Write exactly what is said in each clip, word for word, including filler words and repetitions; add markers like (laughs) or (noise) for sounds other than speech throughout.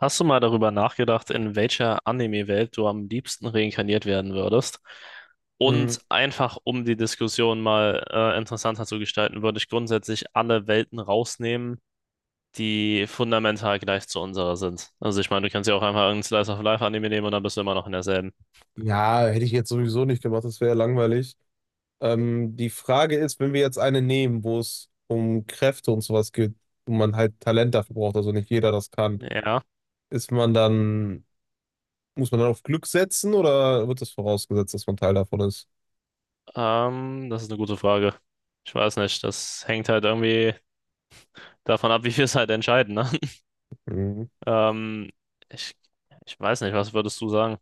Hast du mal darüber nachgedacht, in welcher Anime-Welt du am liebsten reinkarniert werden würdest? Mm, Und einfach, um die Diskussion mal äh, interessanter zu gestalten, würde ich grundsätzlich alle Welten rausnehmen, die fundamental gleich zu unserer sind. Also ich meine, du kannst ja auch einfach irgendeinen Slice of Life-Anime nehmen und dann bist du immer noch in derselben. ja, hätte ich jetzt sowieso nicht gemacht, das wäre langweilig. Ähm, die Frage ist, wenn wir jetzt eine nehmen, wo es um Kräfte und sowas geht und man halt Talent dafür braucht, also nicht jeder das kann, Ja, ist man dann, muss man dann auf Glück setzen oder wird das vorausgesetzt, dass man Teil davon ist? ähm, das ist eine gute Frage. Ich weiß nicht, das hängt halt irgendwie davon ab, wie wir es halt entscheiden, ne? (laughs) Mhm. Ähm, ich, ich weiß nicht, was würdest du sagen?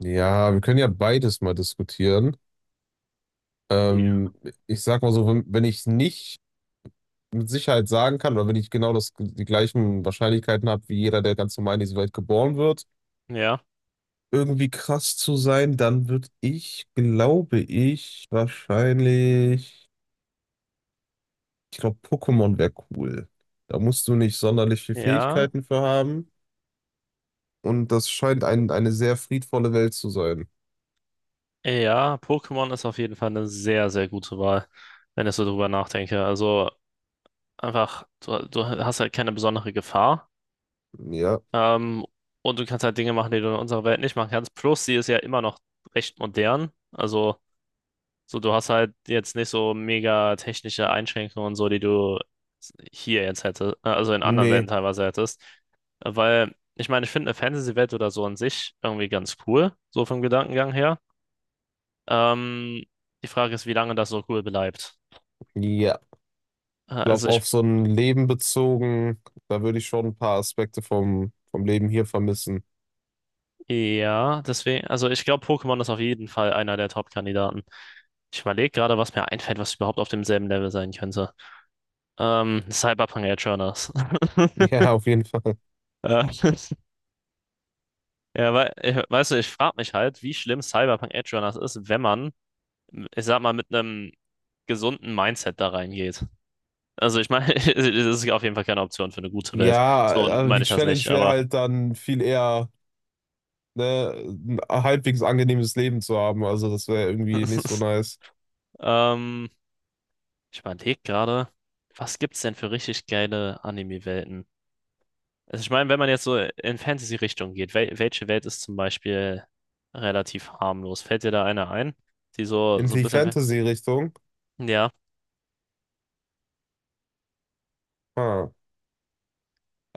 Ja, wir können ja beides mal diskutieren. Ja. Ähm, Ich sag mal so, wenn, wenn ich nicht mit Sicherheit sagen kann oder wenn ich genau das, die gleichen Wahrscheinlichkeiten habe wie jeder, der ganz normal in diese Welt geboren wird, Ja, irgendwie krass zu sein, dann würde ich, glaube ich, wahrscheinlich, ich glaube, Pokémon wäre cool. Da musst du nicht sonderlich viele ja. Fähigkeiten für haben. Und das scheint ein, eine sehr friedvolle Welt zu sein. Ja, Pokémon ist auf jeden Fall eine sehr, sehr gute Wahl, wenn ich so drüber nachdenke. Also einfach, du, du hast halt keine besondere Gefahr. Ja. Ähm, und du kannst halt Dinge machen, die du in unserer Welt nicht machen kannst. Plus, sie ist ja immer noch recht modern. Also, so du hast halt jetzt nicht so mega technische Einschränkungen und so, die du hier jetzt hättest, äh, also in anderen Welten Nee. teilweise hättest. Weil, ich meine, ich finde eine Fantasy-Welt oder so an sich irgendwie ganz cool, so vom Gedankengang her. Ähm, die Frage ist, wie lange das so cool bleibt. Ja. Äh, Ich Also glaube, ich, auf so ein Leben bezogen, da würde ich schon ein paar Aspekte vom, vom Leben hier vermissen. (laughs) ja, deswegen, also ich glaube, Pokémon ist auf jeden Fall einer der Top-Kandidaten. Ich überlege gerade, was mir einfällt, was überhaupt auf demselben Level sein könnte. Ähm, Cyberpunk Edgerunners. (laughs) Ja, auf jeden Fall. Äh, Ja, weil, ich, weißt du, ich frage mich halt, wie schlimm Cyberpunk Edgerunners ist, wenn man, ich sag mal, mit einem gesunden Mindset da reingeht. Also ich meine, (laughs) es ist auf jeden Fall keine Option für eine gute Welt. Ja, So also meine die ich das Challenge nicht, wäre aber halt dann viel eher. Ne, ein halbwegs angenehmes Leben zu haben. Also das wäre irgendwie nicht so (laughs) nice. ähm, Ich überlege gerade, was gibt's denn für richtig geile Anime-Welten? Also ich meine, wenn man jetzt so in Fantasy-Richtung geht, wel welche Welt ist zum Beispiel relativ harmlos? Fällt dir da eine ein, die so, In so ein die bisschen... fe- Fantasy-Richtung. Ja, Ha.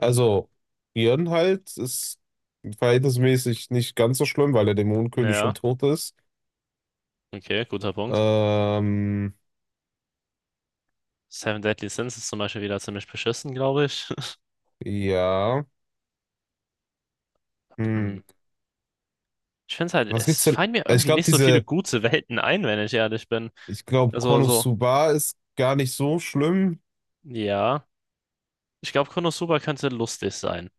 ähm, Björn halt ist verhältnismäßig nicht ganz so schlimm, weil der Dämonenkönig ja, schon tot ist. okay, guter Punkt. Ähm, Seven Deadly Sins ist zum Beispiel wieder ziemlich beschissen, glaube ich. (laughs) ja. Hm. Hm. Ich finde es halt, Was gibt's es denn? fallen mir Ich irgendwie glaube, nicht so viele diese, gute Welten ein, wenn ich ehrlich bin. ich glaube, Also so, Konosuba ist gar nicht so schlimm. ja, ich glaube, Konosuba könnte lustig sein.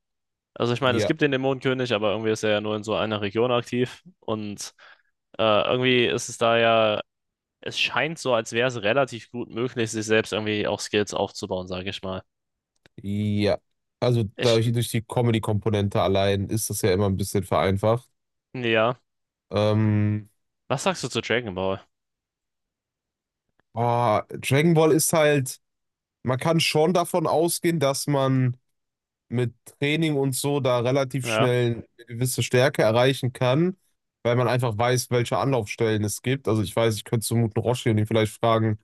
Also ich meine, es Ja, gibt den Dämonenkönig, aber irgendwie ist er ja nur in so einer Region aktiv. Und äh, irgendwie ist es da ja, es scheint so, als wäre es relativ gut möglich, sich selbst irgendwie auch Skills aufzubauen, sage ich mal. ja. Also Ich, dadurch, durch die Comedy-Komponente allein ist das ja immer ein bisschen vereinfacht. ja. Ähm, Was sagst du zu Dragon Ball? Ah, Dragon Ball ist halt, man kann schon davon ausgehen, dass man mit Training und so da relativ Ja, schnell eine gewisse Stärke erreichen kann, weil man einfach weiß, welche Anlaufstellen es gibt. Also ich weiß, ich könnte zum guten Roshi und ihn vielleicht fragen,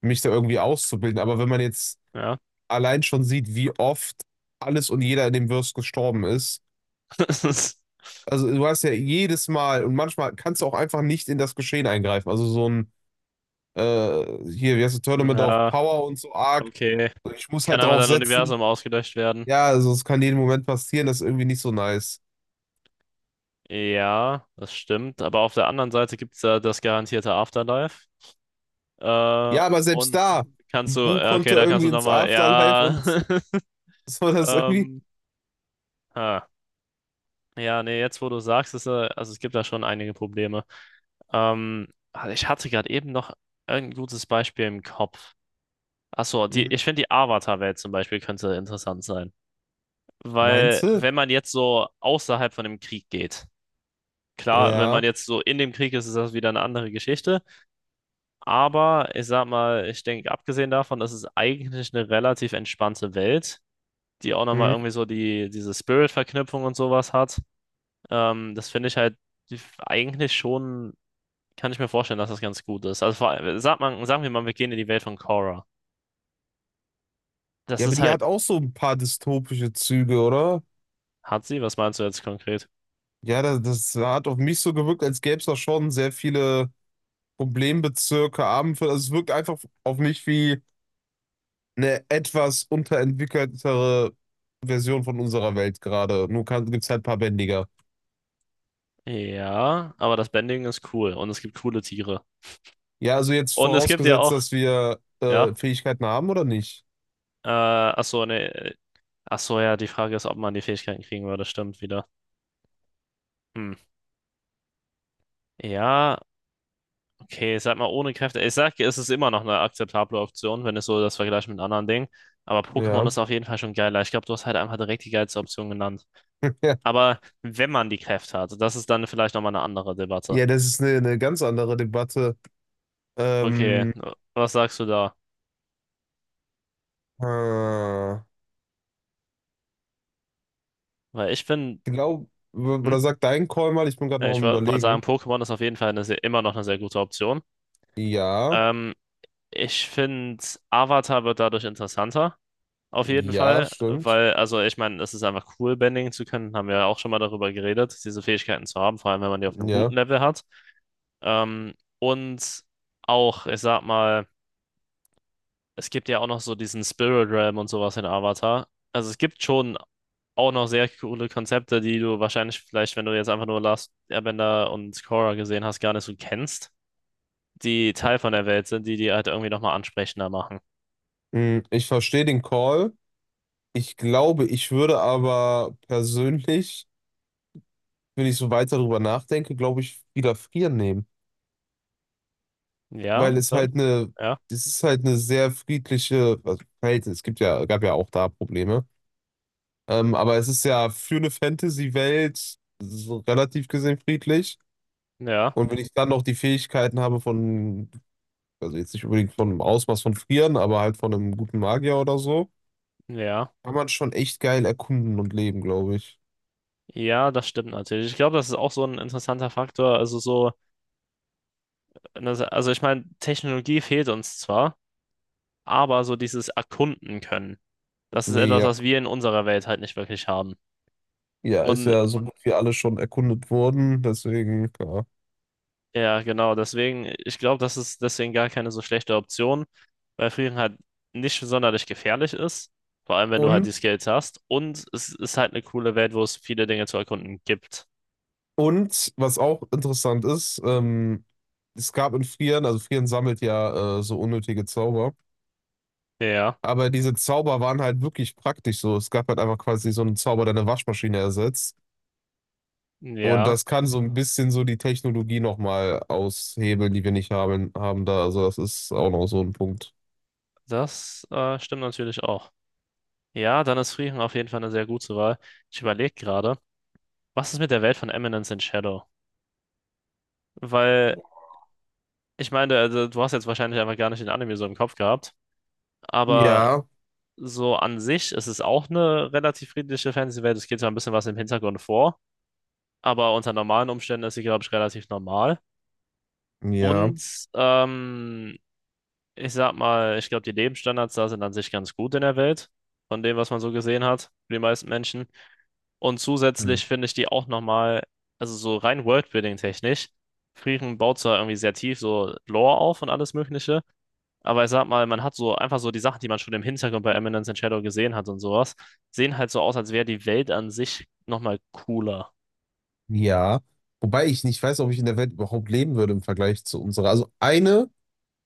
mich da irgendwie auszubilden. Aber wenn man jetzt ja. allein schon sieht, wie oft alles und jeder in dem Verse gestorben ist, (laughs) also du hast ja jedes Mal und manchmal kannst du auch einfach nicht in das Geschehen eingreifen. Also so ein äh, hier, wie heißt das, Tournament of Ja, Power und so Arc. okay. Ich muss Kann halt einfach drauf dein setzen. Universum ausgelöscht werden. Ja, also es kann jeden Moment passieren, das ist irgendwie nicht so nice. Ja, das stimmt. Aber auf der anderen Seite gibt es da das garantierte Afterlife. Äh, Ja, aber selbst und da, kannst du, Bu ja, okay, konnte da kannst irgendwie du ins nochmal, Afterlife ja. und (laughs) (laughs) so das irgendwie. Ähm, Ah, ja, nee, jetzt wo du sagst, ist, äh, also es gibt da schon einige Probleme. Ähm, also ich hatte gerade eben noch ein gutes Beispiel im Kopf. Achso, die, Hm. ich finde die Avatar-Welt zum Beispiel könnte interessant sein. Meinst Weil du? wenn man jetzt so außerhalb von dem Krieg geht, klar, wenn man Ja. jetzt so in dem Krieg ist, ist das wieder eine andere Geschichte. Aber ich sag mal, ich denke, abgesehen davon, das ist eigentlich eine relativ entspannte Welt, die auch nochmal Hm. irgendwie so die, diese Spirit-Verknüpfung und sowas hat. Ähm, das finde ich halt eigentlich schon, kann ich mir vorstellen, dass das ganz gut ist. Also vor allem, sag mal, sagen wir mal, wir gehen in die Welt von Korra. Das Ja, aber ist die halt, hat auch so ein paar dystopische Züge, oder? hat sie, was meinst du jetzt konkret? Ja, das, das hat auf mich so gewirkt, als gäbe es da schon sehr viele Problembezirke, Abendfälle. Also es wirkt einfach auf mich wie eine etwas unterentwickeltere Version von unserer Welt gerade. Nur gibt es halt ein paar Bändiger. Ja, aber das Bending ist cool und es gibt coole Tiere. Ja, also jetzt Und es gibt ja vorausgesetzt, auch, dass wir ja, äh, Fähigkeiten haben oder nicht? äh, ach so, ne, ach so, ja, die Frage ist, ob man die Fähigkeiten kriegen würde, stimmt wieder. Hm. Ja, okay, ich sag mal, ohne Kräfte, ich sag, es ist immer noch eine akzeptable Option, wenn es so das vergleicht mit anderen Dingen. Aber Pokémon Ja. ist auf jeden Fall schon geiler. Ich glaube, du hast halt einfach direkt die geilste Option genannt. (laughs) Ja, Aber wenn man die Kräfte hat, das ist dann vielleicht nochmal eine andere Debatte. ja, das ist eine, eine ganz andere Debatte. Okay, Ähm, was sagst du da? äh, ich Weil ich bin, glaube, hm, oder sagt dein Call mal, ich bin gerade noch ich wo- am wollte sagen, Überlegen. Pokémon ist auf jeden Fall eine sehr, immer noch eine sehr gute Option. Ja, Ähm, ich finde, Avatar wird dadurch interessanter, auf jeden ja, Fall, stimmt. weil, also ich meine, es ist einfach cool, Bending zu können, haben wir ja auch schon mal darüber geredet, diese Fähigkeiten zu haben, vor allem wenn man die auf einem guten Ja. Level hat. Ähm, und auch, ich sag mal, es gibt ja auch noch so diesen Spirit Realm und sowas in Avatar. Also es gibt schon auch noch sehr coole Konzepte, die du wahrscheinlich vielleicht, wenn du jetzt einfach nur Last Airbender und Korra gesehen hast, gar nicht so kennst, die Teil von der Welt sind, die die halt irgendwie nochmal ansprechender machen. Hm, ich verstehe den Call. Ich glaube, ich würde aber persönlich, wenn ich so weiter drüber nachdenke, glaube ich, wieder frieren nehmen. Ja, Weil es ja, halt eine, ja, es ist halt eine sehr friedliche, also Verhältnis, es gibt ja, gab ja auch da Probleme, ähm, aber es ist ja für eine Fantasy-Welt so relativ gesehen friedlich. ja, Und wenn ich dann noch die Fähigkeiten habe von, also jetzt nicht unbedingt von einem Ausmaß von Frieren, aber halt von einem guten Magier oder so, ja. kann man schon echt geil erkunden und leben, glaube ich. Ja, das stimmt natürlich. Ich glaube, das ist auch so ein interessanter Faktor. Also so, also ich meine, Technologie fehlt uns zwar, aber so dieses Erkunden können, das ist Nee, etwas, ja. was wir in unserer Welt halt nicht wirklich haben. Ja, ist Und ja so gut wie alles schon erkundet worden, deswegen, ja. Ja, genau. Deswegen, ich glaube, das ist deswegen gar keine so schlechte Option, weil Frieren halt nicht sonderlich gefährlich ist. Vor allem, wenn du halt die Und Skills hast. Und es ist halt eine coole Welt, wo es viele Dinge zu erkunden gibt. Und was auch interessant ist, ähm, es gab in Frieren, also Frieren sammelt ja äh, so unnötige Zauber, Ja, aber diese Zauber waren halt wirklich praktisch so. Es gab halt einfach quasi so einen Zauber, der eine Waschmaschine ersetzt. Und ja, das kann so ein bisschen so die Technologie nochmal aushebeln, die wir nicht haben, haben da. Also das ist auch noch so ein Punkt. das äh, stimmt natürlich auch. Ja, dann ist Frieren auf jeden Fall eine sehr gute Wahl. Ich überlege gerade, was ist mit der Welt von Eminence in Shadow? Weil, ich meine, also, du hast jetzt wahrscheinlich einfach gar nicht den Anime so im Kopf gehabt. Aber Ja, so an sich ist es auch eine relativ friedliche Fantasy-Welt. Es geht zwar ein bisschen was im Hintergrund vor, aber unter normalen Umständen ist sie, glaube ich, relativ normal. ja, Und ähm, ich sag mal, ich glaube, die Lebensstandards da sind an sich ganz gut in der Welt, von dem, was man so gesehen hat, für die meisten Menschen. Und hm, zusätzlich finde ich die auch nochmal, also so rein Worldbuilding-technisch, Frieren baut zwar irgendwie sehr tief so Lore auf und alles Mögliche. Aber ich sag mal, man hat so einfach so die Sachen, die man schon im Hintergrund bei Eminence in Shadow gesehen hat und sowas, sehen halt so aus, als wäre die Welt an sich nochmal cooler. ja. Wobei ich nicht weiß, ob ich in der Welt überhaupt leben würde im Vergleich zu unserer. Also eine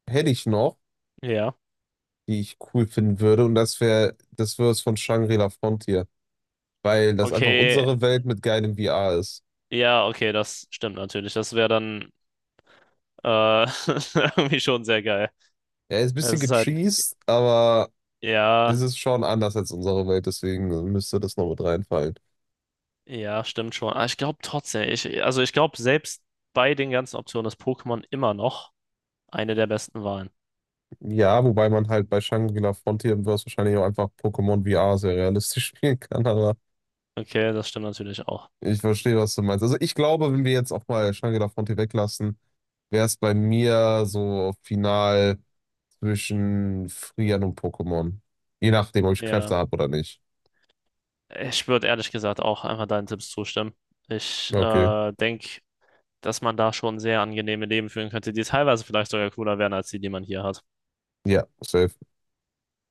hätte ich noch, Ja. die ich cool finden würde. Und das wäre, das wäre es von Shangri-La Frontier, weil das einfach Okay, unsere Welt mit geilem V R ist. ja, okay, das stimmt natürlich. Das wäre dann äh, (laughs) irgendwie schon sehr geil. Er ist ein bisschen Es ist halt, gecheased, aber ja, es ist schon anders als unsere Welt, deswegen müsste das noch mit reinfallen. ja, stimmt schon. Aber ich glaube trotzdem, ich, also ich glaube, selbst bei den ganzen Optionen ist Pokémon immer noch eine der besten Wahlen. Ja, wobei man halt bei Shangri-La Frontier im Verse wahrscheinlich auch einfach Pokémon V R sehr realistisch (laughs) spielen kann, aber Okay, das stimmt natürlich auch. ich verstehe, was du meinst. Also ich glaube, wenn wir jetzt auch mal Shangri-La Frontier weglassen, wäre es bei mir so final zwischen Frieren und Pokémon. Je nachdem, ob ich Ja. Kräfte habe oder nicht. Ich würde ehrlich gesagt auch einfach deinen Tipps zustimmen. Ich Okay. äh, denke, dass man da schon sehr angenehme Leben führen könnte, die teilweise vielleicht sogar cooler wären als die, die man hier hat. Ja, safe.